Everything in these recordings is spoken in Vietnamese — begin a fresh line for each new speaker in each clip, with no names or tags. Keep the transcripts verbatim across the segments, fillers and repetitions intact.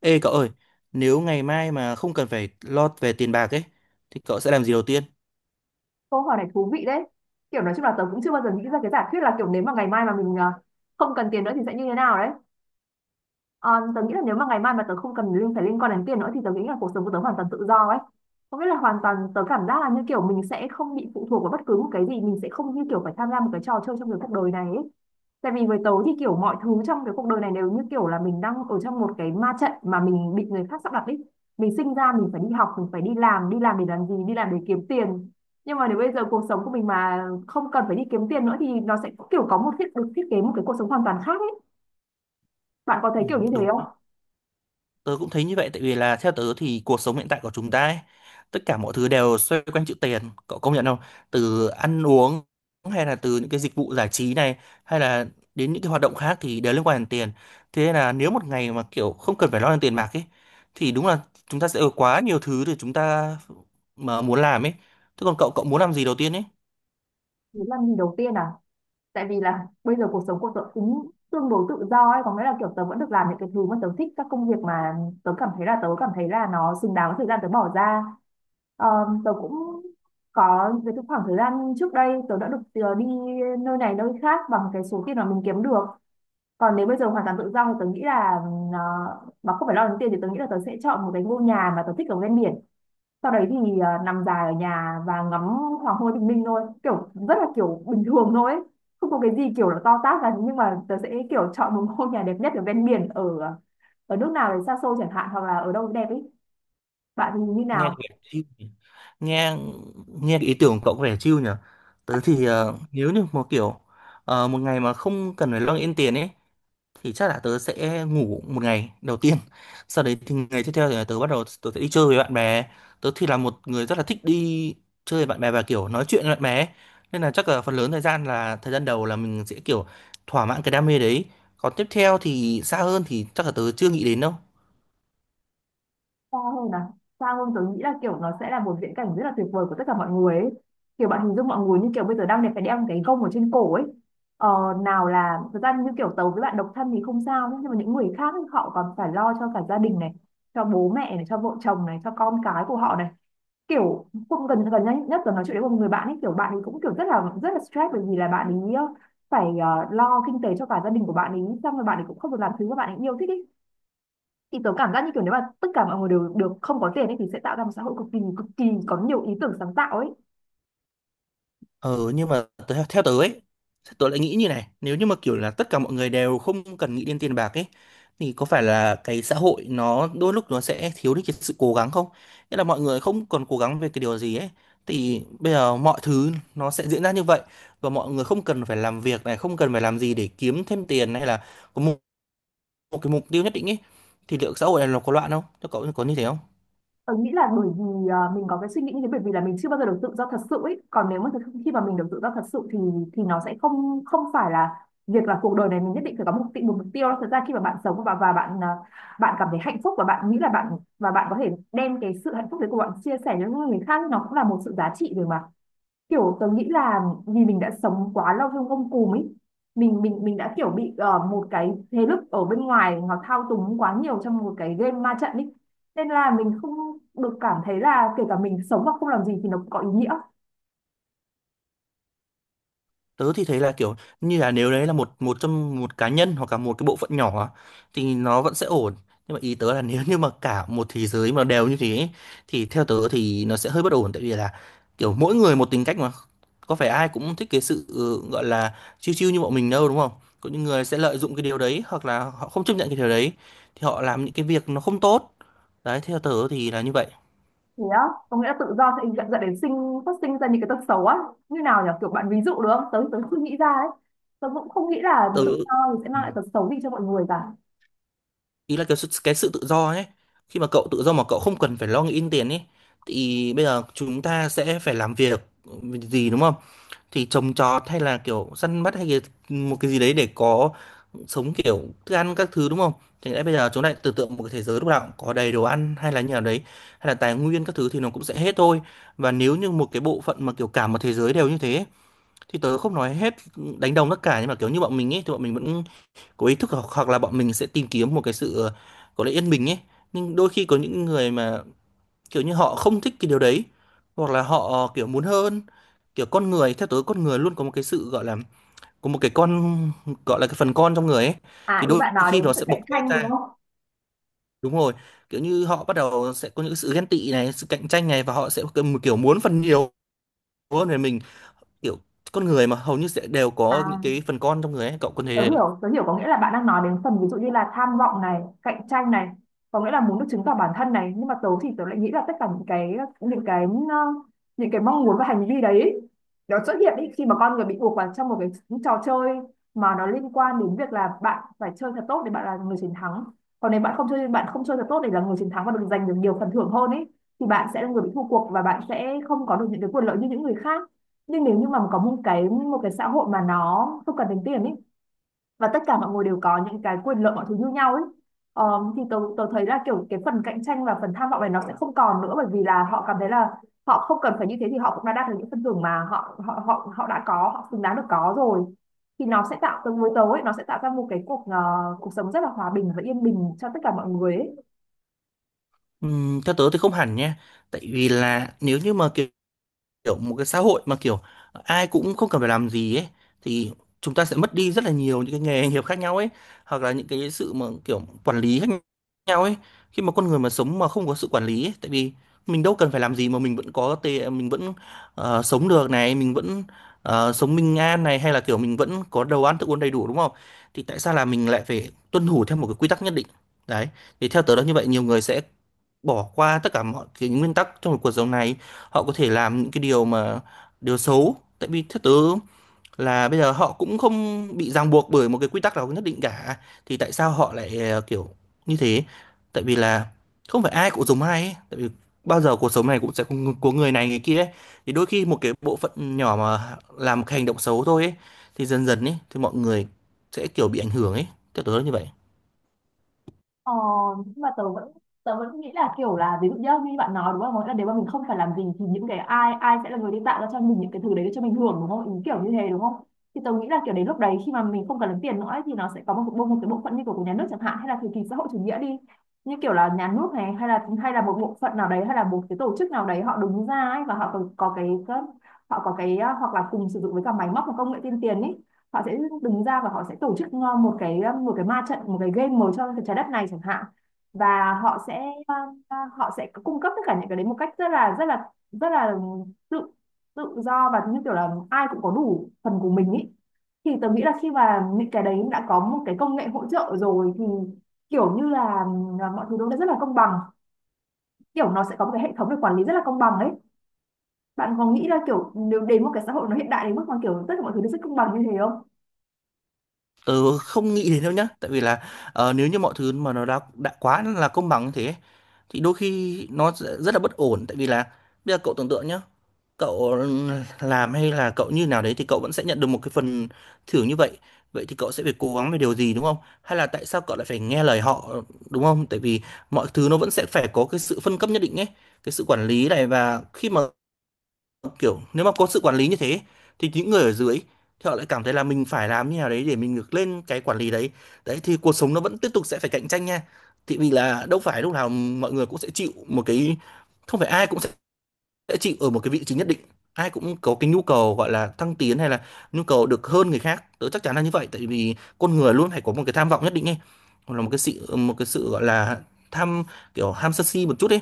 Ê cậu ơi, nếu ngày mai mà không cần phải lo về tiền bạc ấy, thì cậu sẽ làm gì đầu tiên?
Câu hỏi này thú vị đấy. Kiểu nói chung là tớ cũng chưa bao giờ nghĩ ra cái giả thuyết là kiểu nếu mà ngày mai mà mình à, không cần tiền nữa thì sẽ như thế nào đấy. Ờ, tớ nghĩ là nếu mà ngày mai mà tớ không cần liên phải liên quan đến tiền nữa thì tớ nghĩ là cuộc sống của tớ hoàn toàn tự do ấy. Có nghĩa là hoàn toàn tớ cảm giác là như kiểu mình sẽ không bị phụ thuộc vào bất cứ một cái gì, mình sẽ không như kiểu phải tham gia một cái trò chơi trong cái cuộc đời này ấy. Tại vì với tớ thì kiểu mọi thứ trong cái cuộc đời này đều như kiểu là mình đang ở trong một cái ma trận mà mình bị người khác sắp đặt ấy. Mình sinh ra mình phải đi học, mình phải đi làm, đi làm để làm gì, đi làm để kiếm tiền. Nhưng mà nếu bây giờ cuộc sống của mình mà không cần phải đi kiếm tiền nữa thì nó sẽ kiểu có một thiết được thiết kế một cái cuộc sống hoàn toàn khác ấy. Bạn có
Ừ,
thấy kiểu như thế
đúng,
không?
tớ cũng thấy như vậy, tại vì là theo tớ thì cuộc sống hiện tại của chúng ta ấy, tất cả mọi thứ đều xoay quanh chữ tiền, cậu công nhận không? Từ ăn uống hay là từ những cái dịch vụ giải trí này, hay là đến những cái hoạt động khác thì đều liên quan đến tiền. Thế nên là nếu một ngày mà kiểu không cần phải lo đến tiền bạc ấy, thì đúng là chúng ta sẽ có quá nhiều thứ để chúng ta mà muốn làm ấy. Thế còn cậu, cậu muốn làm gì đầu tiên ấy?
Đấy là mình đầu tiên à? Tại vì là bây giờ cuộc sống của tớ cũng tương đối tự do ấy, có nghĩa là kiểu tớ vẫn được làm những cái thứ mà tớ thích, các công việc mà tớ cảm thấy là tớ cảm thấy là nó xứng đáng với thời gian tớ bỏ ra. Ờ, tớ cũng có về cái khoảng thời gian trước đây tớ đã được ờ, đi nơi này nơi khác bằng cái số tiền mà mình kiếm được. Còn nếu bây giờ hoàn toàn tự do thì tớ nghĩ là ờ, mà không phải lo đến tiền thì tớ nghĩ là tớ sẽ chọn một cái ngôi nhà mà tớ thích ở ven biển, sau đấy thì à, nằm dài ở nhà và ngắm hoàng hôn bình minh thôi, kiểu rất là kiểu bình thường thôi ấy. Không có cái gì kiểu là to tát cả, nhưng mà tớ sẽ kiểu chọn một ngôi nhà đẹp nhất ở ven biển ở ờ, ở nước nào đấy xa xôi chẳng hạn hoặc là ở đâu đẹp ấy. Bạn thì như
Nghe
nào?
kìa, chill nhỉ. Nghe Nghe cái ý tưởng của cậu có vẻ chill nhỉ. Tớ thì ờ, nếu như một kiểu ờ, một ngày mà không cần phải lo nghĩ đến tiền ấy thì chắc là tớ sẽ ngủ một ngày đầu tiên, sau đấy thì ngày tiếp theo thì tớ bắt đầu tớ sẽ đi chơi với bạn bè. Tớ thì là một người rất là thích đi chơi với bạn bè và kiểu nói chuyện với bạn bè ấy. Nên là chắc là phần lớn thời gian là thời gian đầu là mình sẽ kiểu thỏa mãn cái đam mê đấy, còn tiếp theo thì xa hơn thì chắc là tớ chưa nghĩ đến đâu.
Xa hơn à? Xa hơn tớ nghĩ là kiểu nó sẽ là một viễn cảnh rất là tuyệt vời của tất cả mọi người ấy. Kiểu bạn hình dung mọi người như kiểu bây giờ đang đẹp phải đeo cái gông ở trên cổ ấy. Ờ, nào là thật ra như kiểu tớ với bạn độc thân thì không sao nhá, nhưng mà những người khác ấy, họ còn phải lo cho cả gia đình này, cho bố mẹ này, cho vợ chồng này, cho con cái của họ này, kiểu cũng gần gần nhất nhất là nói chuyện với một người bạn ấy, kiểu bạn ấy cũng kiểu rất là rất là stress bởi vì là bạn ấy ờ, phải ờ, lo kinh tế cho cả gia đình của bạn ấy, xong rồi bạn ấy cũng không được làm thứ mà bạn ấy yêu thích ý. Thì tớ cảm giác như kiểu nếu mà tất cả mọi người đều được không có tiền ấy thì sẽ tạo ra một xã hội cực kỳ cực kỳ có nhiều ý tưởng sáng tạo ấy.
Ừ, nhưng mà tớ- theo tớ ấy, tớ lại nghĩ như này, nếu như mà kiểu là tất cả mọi người đều không cần nghĩ đến tiền bạc ấy, thì có phải là cái xã hội nó đôi lúc nó sẽ thiếu đi cái sự cố gắng không? Nghĩa là mọi người không còn cố gắng về cái điều gì ấy, thì bây giờ mọi thứ nó sẽ diễn ra như vậy và mọi người không cần phải làm việc này, không cần phải làm gì để kiếm thêm tiền hay là có một, một cái mục tiêu nhất định ấy, thì liệu xã hội này nó có loạn không? Thế cậu có như thế không?
Tớ nghĩ là bởi vì à, mình có cái suy nghĩ như thế bởi vì là mình chưa bao giờ được tự do thật sự ấy. Còn nếu mà thực- khi mà mình được tự do thật sự thì thì nó sẽ không không phải là việc là cuộc đời này mình nhất định phải có một mục một mục tiêu đâu. Thật ra khi mà bạn sống và và bạn à, bạn cảm thấy hạnh phúc và bạn nghĩ là bạn và bạn có thể đem cái sự hạnh phúc đấy của bạn chia sẻ cho những người khác, nó cũng là một sự giá trị rồi mà. Kiểu tớ nghĩ là vì mình đã sống quá lâu trong gông cùm ấy, mình mình mình đã kiểu bị ờ, một cái thế lực ở bên ngoài nó thao túng quá nhiều trong một cái game ma trận ấy, nên là mình không được cảm thấy là kể cả mình sống mà không làm gì thì nó cũng có ý nghĩa.
Tớ thì thấy là kiểu như là nếu đấy là một một trong một cá nhân hoặc là một cái bộ phận nhỏ á, thì nó vẫn sẽ ổn, nhưng mà ý tớ là nếu như mà cả một thế giới mà đều như thế ấy, thì theo tớ thì nó sẽ hơi bất ổn, tại vì là kiểu mỗi người một tính cách mà, có phải ai cũng thích cái sự ừ, gọi là chill chill như bọn mình đâu, đúng không? Có những người sẽ lợi dụng cái điều đấy hoặc là họ không chấp nhận cái điều đấy thì họ làm những cái việc nó không tốt. Đấy, theo tớ thì là như vậy.
Thế á? Có nghĩa là tự do sẽ dẫn dẫn đến sinh phát sinh ra những cái tật xấu á? Như nào nhỉ, kiểu bạn ví dụ được không, tớ tớ chưa nghĩ ra ấy. Tớ cũng không nghĩ là
Tớ
tự do thì sẽ mang lại tật xấu gì cho mọi người cả.
ý là cái sự, cái sự tự do ấy, khi mà cậu tự do mà cậu không cần phải lo nghĩ đến tiền ấy thì bây giờ chúng ta sẽ phải làm việc gì đúng không, thì trồng trọt hay là kiểu săn bắt hay cái, một cái gì đấy để có sống kiểu thức ăn các thứ đúng không. Thì lẽ bây giờ chúng ta lại tưởng tượng một cái thế giới lúc nào cũng có đầy đồ ăn hay là như nào đấy, hay là tài nguyên các thứ thì nó cũng sẽ hết thôi. Và nếu như một cái bộ phận mà kiểu cả một thế giới đều như thế ấy, thì tớ không nói hết đánh đồng tất cả, nhưng mà kiểu như bọn mình ấy thì bọn mình vẫn có ý thức hoặc, hoặc là bọn mình sẽ tìm kiếm một cái sự ờ, có lẽ yên bình ấy. Nhưng đôi khi có những người mà kiểu như họ không thích cái điều đấy, hoặc là họ ờ, kiểu muốn hơn, kiểu con người, theo tớ con người luôn có một cái sự gọi là có một cái con, gọi là cái phần con trong người ấy,
À,
thì
ý
đôi
bạn nói
khi
đến
nó
sự
sẽ bộc
cạnh
phát
tranh đúng
ra.
không?
Đúng rồi, kiểu như họ bắt đầu sẽ có những sự ghen tị này, sự cạnh tranh này, và họ sẽ kiểu kiểu muốn phần nhiều hơn về mình, kiểu con người mà hầu như sẽ đều có những
À,
cái phần con trong người ấy, cậu có
tớ
thể.
hiểu, tớ hiểu, có nghĩa là bạn đang nói đến phần ví dụ như là tham vọng này, cạnh tranh này, có nghĩa là muốn được chứng tỏ bản thân này, nhưng mà tớ thì tớ lại nghĩ là tất cả những cái những cái ờ, những cái mong muốn và hành vi đấy, nó xuất hiện ý, khi mà con người bị buộc vào trong một cái trò chơi mà nó liên quan đến việc là bạn phải chơi thật tốt để bạn là người chiến thắng. Còn nếu bạn không chơi bạn không chơi thật tốt để là người chiến thắng và được giành được nhiều phần thưởng hơn ấy thì bạn sẽ là người bị thua cuộc và bạn sẽ không có được những cái quyền lợi như những người khác. Nhưng nếu như mà có một cái một cái xã hội mà nó không cần đến tiền ấy và tất cả mọi người đều có những cái quyền lợi mọi thứ như nhau ấy. Ờ, thì tôi tôi thấy là kiểu cái phần cạnh tranh và phần tham vọng này nó sẽ không còn nữa, bởi vì là họ cảm thấy là họ không cần phải như thế thì họ cũng đã đạt được những phần thưởng mà họ họ họ họ đã có, họ xứng đáng được có rồi. Thì nó sẽ tạo từ với tớ, nó sẽ tạo ra một cái cuộc ờ, cuộc sống rất là hòa bình và yên bình cho tất cả mọi người ấy.
Ừm, theo tớ thì không hẳn nha, tại vì là nếu như mà kiểu, kiểu một cái xã hội mà kiểu ai cũng không cần phải làm gì ấy, thì chúng ta sẽ mất đi rất là nhiều những cái nghề nghiệp khác nhau ấy, hoặc là những cái sự mà kiểu quản lý khác nhau ấy. Khi mà con người mà sống mà không có sự quản lý ấy, tại vì mình đâu cần phải làm gì mà mình vẫn có tê mình vẫn ờ, sống được này, mình vẫn ờ, sống bình an này, hay là kiểu mình vẫn có đồ ăn thức uống đầy đủ đúng không, thì tại sao là mình lại phải tuân thủ theo một cái quy tắc nhất định đấy. Thì theo tớ là như vậy, nhiều người sẽ bỏ qua tất cả mọi cái nguyên tắc trong cuộc sống này, họ có thể làm những cái điều mà điều xấu, tại vì theo tớ là bây giờ họ cũng không bị ràng buộc bởi một cái quy tắc nào nhất định cả, thì tại sao họ lại ờ, kiểu như thế. Tại vì là không phải ai cũng giống ai ấy, tại vì bao giờ cuộc sống này cũng sẽ có ng- có người này người kia ấy. Thì đôi khi một cái bộ phận nhỏ mà làm một cái hành động xấu thôi ấy, thì dần dần ấy thì mọi người sẽ kiểu bị ảnh hưởng ấy, theo tớ là như vậy.
Ờ, nhưng mà tớ vẫn tớ vẫn nghĩ là kiểu là, ví dụ nhá, như bạn nói đúng không, là nếu mà mình không phải làm gì thì những cái ai ai sẽ là người đi tạo ra cho mình những cái thứ đấy để cho mình hưởng đúng không, ý kiểu như thế đúng không? Thì tớ nghĩ là kiểu đến lúc đấy khi mà mình không cần đến tiền nữa ấy, thì nó sẽ có một bộ một cái bộ phận như kiểu của nhà nước chẳng hạn, hay là thời kỳ xã hội chủ nghĩa đi, như kiểu là nhà nước này, hay là hay là một bộ phận nào đấy, hay là một cái tổ chức nào đấy, họ đứng ra ấy, và họ có, có cái có- họ có cái à, hoặc là cùng sử dụng với cả máy móc và công nghệ tiên tiến ý, họ sẽ đứng ra và họ sẽ tổ chức ờ, một cái ờ, một cái ma trận, một cái game màu cho trái đất này chẳng hạn. Và họ sẽ ờ, ờ, họ sẽ cung cấp tất cả những cái đấy một cách rất là rất là rất là tự tự do và như kiểu là ai cũng có đủ phần của mình ý. Thì tớ nghĩ là khi mà những cái đấy đã có một cái công nghệ hỗ trợ rồi thì kiểu như là, ờ, mọi thứ nó đã rất là công bằng, kiểu nó sẽ có một cái hệ thống để quản lý rất là công bằng ấy. Bạn có nghĩ là kiểu nếu đến một cái xã hội nó hiện đại đến mức mà kiểu tất cả mọi thứ nó rất công bằng như thế không?
Ừ, không nghĩ đến đâu nhá, tại vì là ờ, nếu như mọi thứ mà nó đã đã quá là công bằng như thế thì đôi khi nó sẽ rất là bất ổn, tại vì là bây giờ cậu tưởng tượng nhá, cậu làm hay là cậu như nào đấy thì cậu vẫn sẽ nhận được một cái phần thưởng như vậy, vậy thì cậu sẽ phải cố gắng về điều gì đúng không, hay là tại sao cậu lại phải nghe lời họ đúng không. Tại vì mọi thứ nó vẫn sẽ phải có cái sự phân cấp nhất định ấy, cái sự quản lý này, và khi mà kiểu nếu mà có sự quản lý như thế thì những người ở dưới thì họ lại cảm thấy là mình phải làm như nào đấy để mình ngược lên cái quản lý đấy. Đấy thì cuộc sống nó vẫn tiếp tục sẽ phải cạnh tranh nha, thì vì là đâu phải lúc nào mọi người cũng sẽ chịu một cái, không phải ai cũng sẽ sẽ chịu ở một cái vị trí nhất định. Ai cũng có cái nhu cầu gọi là thăng tiến hay là nhu cầu được hơn người khác, tớ chắc chắn là như vậy, tại vì con người luôn phải có một cái tham vọng nhất định ấy, hoặc là một cái sự một cái sự gọi là tham, kiểu ham sân si một chút ấy,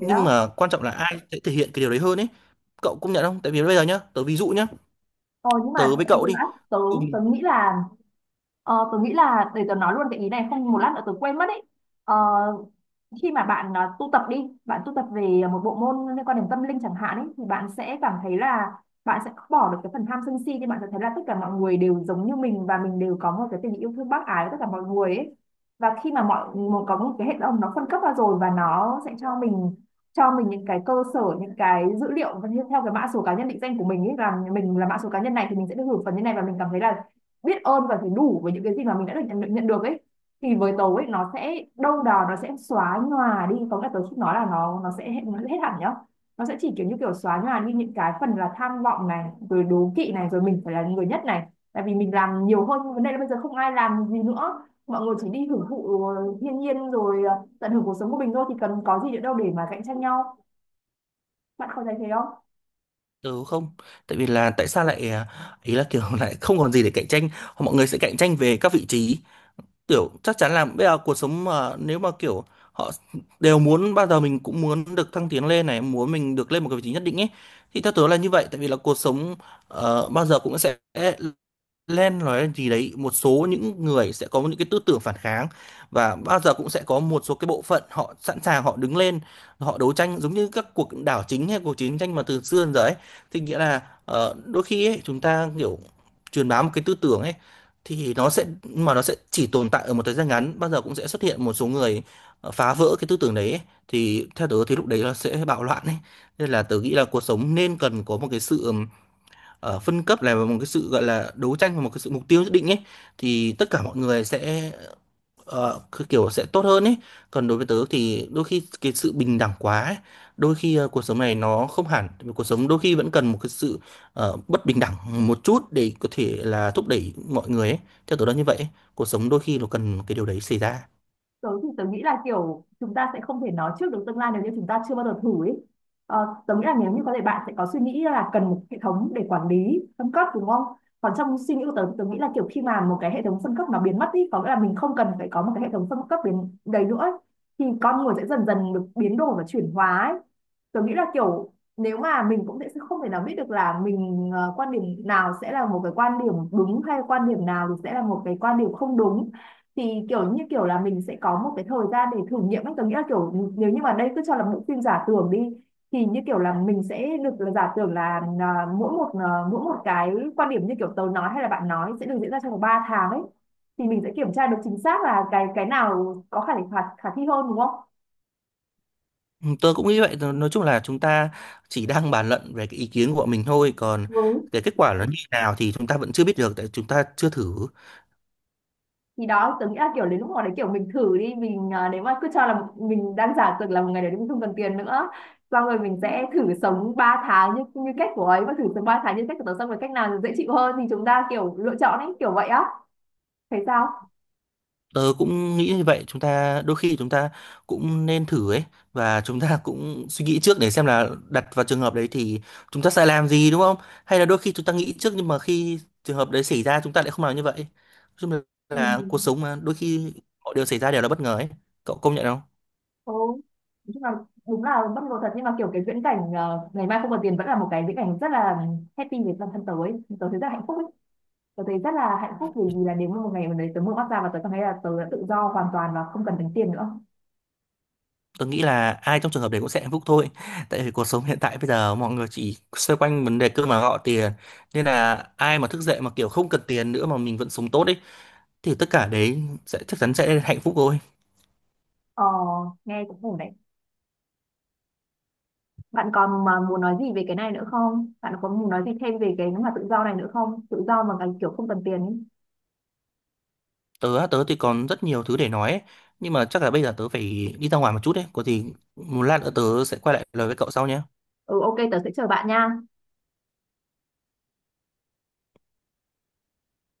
Thế á?
mà quan trọng là ai sẽ thể hiện cái điều đấy hơn ấy. Cậu công nhận không? Tại vì bây giờ nhá, tớ ví dụ nhá,
Ờ, nhưng mà
tớ
thật
với cậu
sự
đi.
á, tớ,
Ừ.
tớ nghĩ là ờ, tớ nghĩ là, để tớ nói luôn cái ý này không một lát nữa tớ quên mất ấy. Ờ, khi mà bạn à, tu tập đi, bạn tu tập về một bộ môn liên quan đến tâm linh chẳng hạn ấy, thì bạn sẽ cảm thấy là bạn sẽ bỏ được cái phần tham sân si, thì bạn sẽ thấy là tất cả mọi người đều giống như mình và mình đều có một cái tình yêu thương bác ái với tất cả mọi người ấy. Và khi mà mọi một có một cái hệ thống nó phân cấp ra rồi và nó sẽ cho mình cho mình những cái cơ sở, những cái dữ liệu, và theo cái mã số cá nhân định danh của mình ấy là Mình là mã số cá nhân này thì mình sẽ được hưởng phần như này, và mình cảm thấy là biết ơn và thấy đủ với những cái gì mà mình đã được nhận, nhận được ấy. Thì với tớ ấy, nó sẽ đâu đó nó sẽ xóa nhòa đi, có nghĩa là tớ không nói là nó nó sẽ hết, nó sẽ hết hẳn nhá. Nó sẽ chỉ kiểu như kiểu xóa nhòa đi những cái phần là tham vọng này, rồi đố kỵ này, rồi mình phải là người nhất này, tại vì mình làm nhiều hơn. Nhưng vấn đề là bây giờ không ai làm gì nữa, mọi người chỉ đi hưởng thụ ờ, thiên nhiên, rồi ờ, tận hưởng cuộc sống của mình thôi, thì cần có gì nữa đâu để mà cạnh tranh nhau. Bạn có thấy thế không?
Tớ không, tại vì là tại sao lại à, ý là kiểu lại không còn gì để cạnh tranh. Mọi người sẽ cạnh tranh về các vị trí, kiểu chắc chắn là bây giờ cuộc sống mà nếu mà kiểu họ đều muốn, bao giờ mình cũng muốn được thăng tiến lên này, muốn mình được lên một cái vị trí nhất định ấy. Thì theo tớ là như vậy, tại vì là cuộc sống ờ, bao giờ cũng sẽ lên nói gì đấy, một số những người sẽ có những cái tư tưởng phản kháng, và bao giờ cũng sẽ có một số cái bộ phận họ sẵn sàng họ đứng lên, họ đấu tranh giống như các cuộc đảo chính hay cuộc chiến tranh mà từ xưa đến giờ ấy. Thì nghĩa là ờ, đôi khi ấy, chúng ta kiểu truyền bá một cái tư tưởng ấy, thì nó sẽ mà nó sẽ chỉ tồn tại ở một thời gian ngắn, bao giờ cũng sẽ xuất hiện một số người ờ, phá vỡ cái tư tưởng đấy ấy. Thì theo tớ thì lúc đấy nó sẽ bạo loạn ấy. Nên là tớ nghĩ là cuộc sống nên cần có một cái sự ở phân cấp, là một cái sự gọi là đấu tranh và một cái sự mục tiêu nhất định ấy, thì tất cả mọi người sẽ ờ, cứ kiểu sẽ tốt hơn ấy. Còn đối với tớ thì đôi khi cái sự bình đẳng quá ấy, đôi khi ờ, cuộc sống này nó không hẳn, cuộc sống đôi khi vẫn cần một cái sự ờ, bất bình đẳng một chút để có thể là thúc đẩy mọi người ấy, theo tớ là như vậy ấy. Cuộc sống đôi khi nó cần cái điều đấy xảy ra.
Tớ thì tớ nghĩ là kiểu chúng ta sẽ không thể nói trước được tương lai nếu như chúng ta chưa bao giờ thử ấy. Ờ, tớ nghĩ là nếu như có thể bạn sẽ có suy nghĩ là cần một hệ thống để quản lý phân cấp, đúng không? Còn trong suy nghĩ của tớ thì tớ nghĩ là kiểu khi mà một cái hệ thống phân cấp nó biến mất đi, có nghĩa là mình không cần phải có một cái hệ thống phân cấp biến đầy nữa ấy, thì con người sẽ dần dần được biến đổi và chuyển hóa ấy. Tớ nghĩ là kiểu nếu mà mình cũng sẽ không thể nào biết được là mình ờ, quan điểm nào sẽ là một cái quan điểm đúng, hay quan điểm nào thì sẽ là một cái quan điểm không đúng, thì kiểu như kiểu là mình sẽ có một cái thời gian để thử nghiệm ấy. Tôi nghĩ là kiểu nếu như mà đây cứ cho là bộ phim giả tưởng đi, thì như kiểu là mình sẽ được là giả tưởng là à, mỗi một à, mỗi một cái quan điểm như kiểu tớ nói hay là bạn nói sẽ được diễn ra trong vòng ba tháng ấy, thì mình sẽ kiểm tra được chính xác là cái cái nào có khả khả, khả thi hơn, đúng không?
Ừ, tớ cũng nghĩ vậy, nói chung là chúng ta chỉ đang bàn luận về cái ý kiến của bọn mình thôi, còn
Ừ.
cái kết quả nó như thế nào thì chúng ta vẫn chưa biết được tại chúng ta chưa thử.
Thì đó, tớ nghĩ là, kiểu, đến lúc hồi đấy, kiểu, mình thử đi, mình, à, nếu mà cứ cho là một- mình đang giả tưởng là một ngày đấy mình không cần tiền nữa, xong rồi mình sẽ thử sống ba tháng như như cách của ấy, và thử sống ba tháng như cách của tớ, xong rồi cách nào dễ chịu hơn thì chúng ta, kiểu, lựa chọn ấy, kiểu vậy á. Thấy sao?
Tớ cũng nghĩ như vậy, chúng ta đôi khi chúng ta cũng nên thử ấy, và chúng ta cũng suy nghĩ trước để xem là đặt vào trường hợp đấy thì chúng ta sẽ làm gì đúng không? Hay là đôi khi chúng ta nghĩ trước nhưng mà khi trường hợp đấy xảy ra chúng ta lại không làm như vậy. Nói chung là
Ừ.
là cuộc sống mà đôi khi mọi điều xảy ra đều là bất ngờ ấy. Cậu công nhận không?
Ừ. Nói chung là đúng là bất ngờ thật, nhưng mà kiểu cái viễn cảnh ờ, ngày mai không còn tiền vẫn là một cái viễn cảnh rất là happy với bản thân tớ ấy. Tớ thấy rất là hạnh phúc ấy. Tớ thấy rất là hạnh phúc vì vì là nếu mà một ngày mà đấy tớ mở mắt ra và tớ cảm thấy là tớ đã tự do hoàn toàn và không cần tính tiền nữa.
Tớ nghĩ là ai trong trường hợp đấy cũng sẽ hạnh phúc thôi. Tại vì cuộc sống hiện tại bây giờ mọi người chỉ xoay quanh vấn đề cơm áo gạo tiền, nên là ai mà thức dậy mà kiểu không cần tiền nữa mà mình vẫn sống tốt ấy, thì tất cả đấy sẽ chắc chắn sẽ hạnh phúc thôi.
Ờ, nghe cũng ổn đấy. Bạn còn mà muốn nói gì về cái này nữa không? Bạn có muốn nói gì thêm về cái mà tự do này nữa không? Tự do mà cái kiểu không cần tiền ấy.
Tớ á, tớ thì còn rất nhiều thứ để nói ấy, nhưng mà chắc là bây giờ tớ phải đi ra ngoài một chút đấy, có gì một lát nữa tớ sẽ quay lại lời với cậu sau nhé.
Ừ, ok, tớ sẽ chờ bạn nha.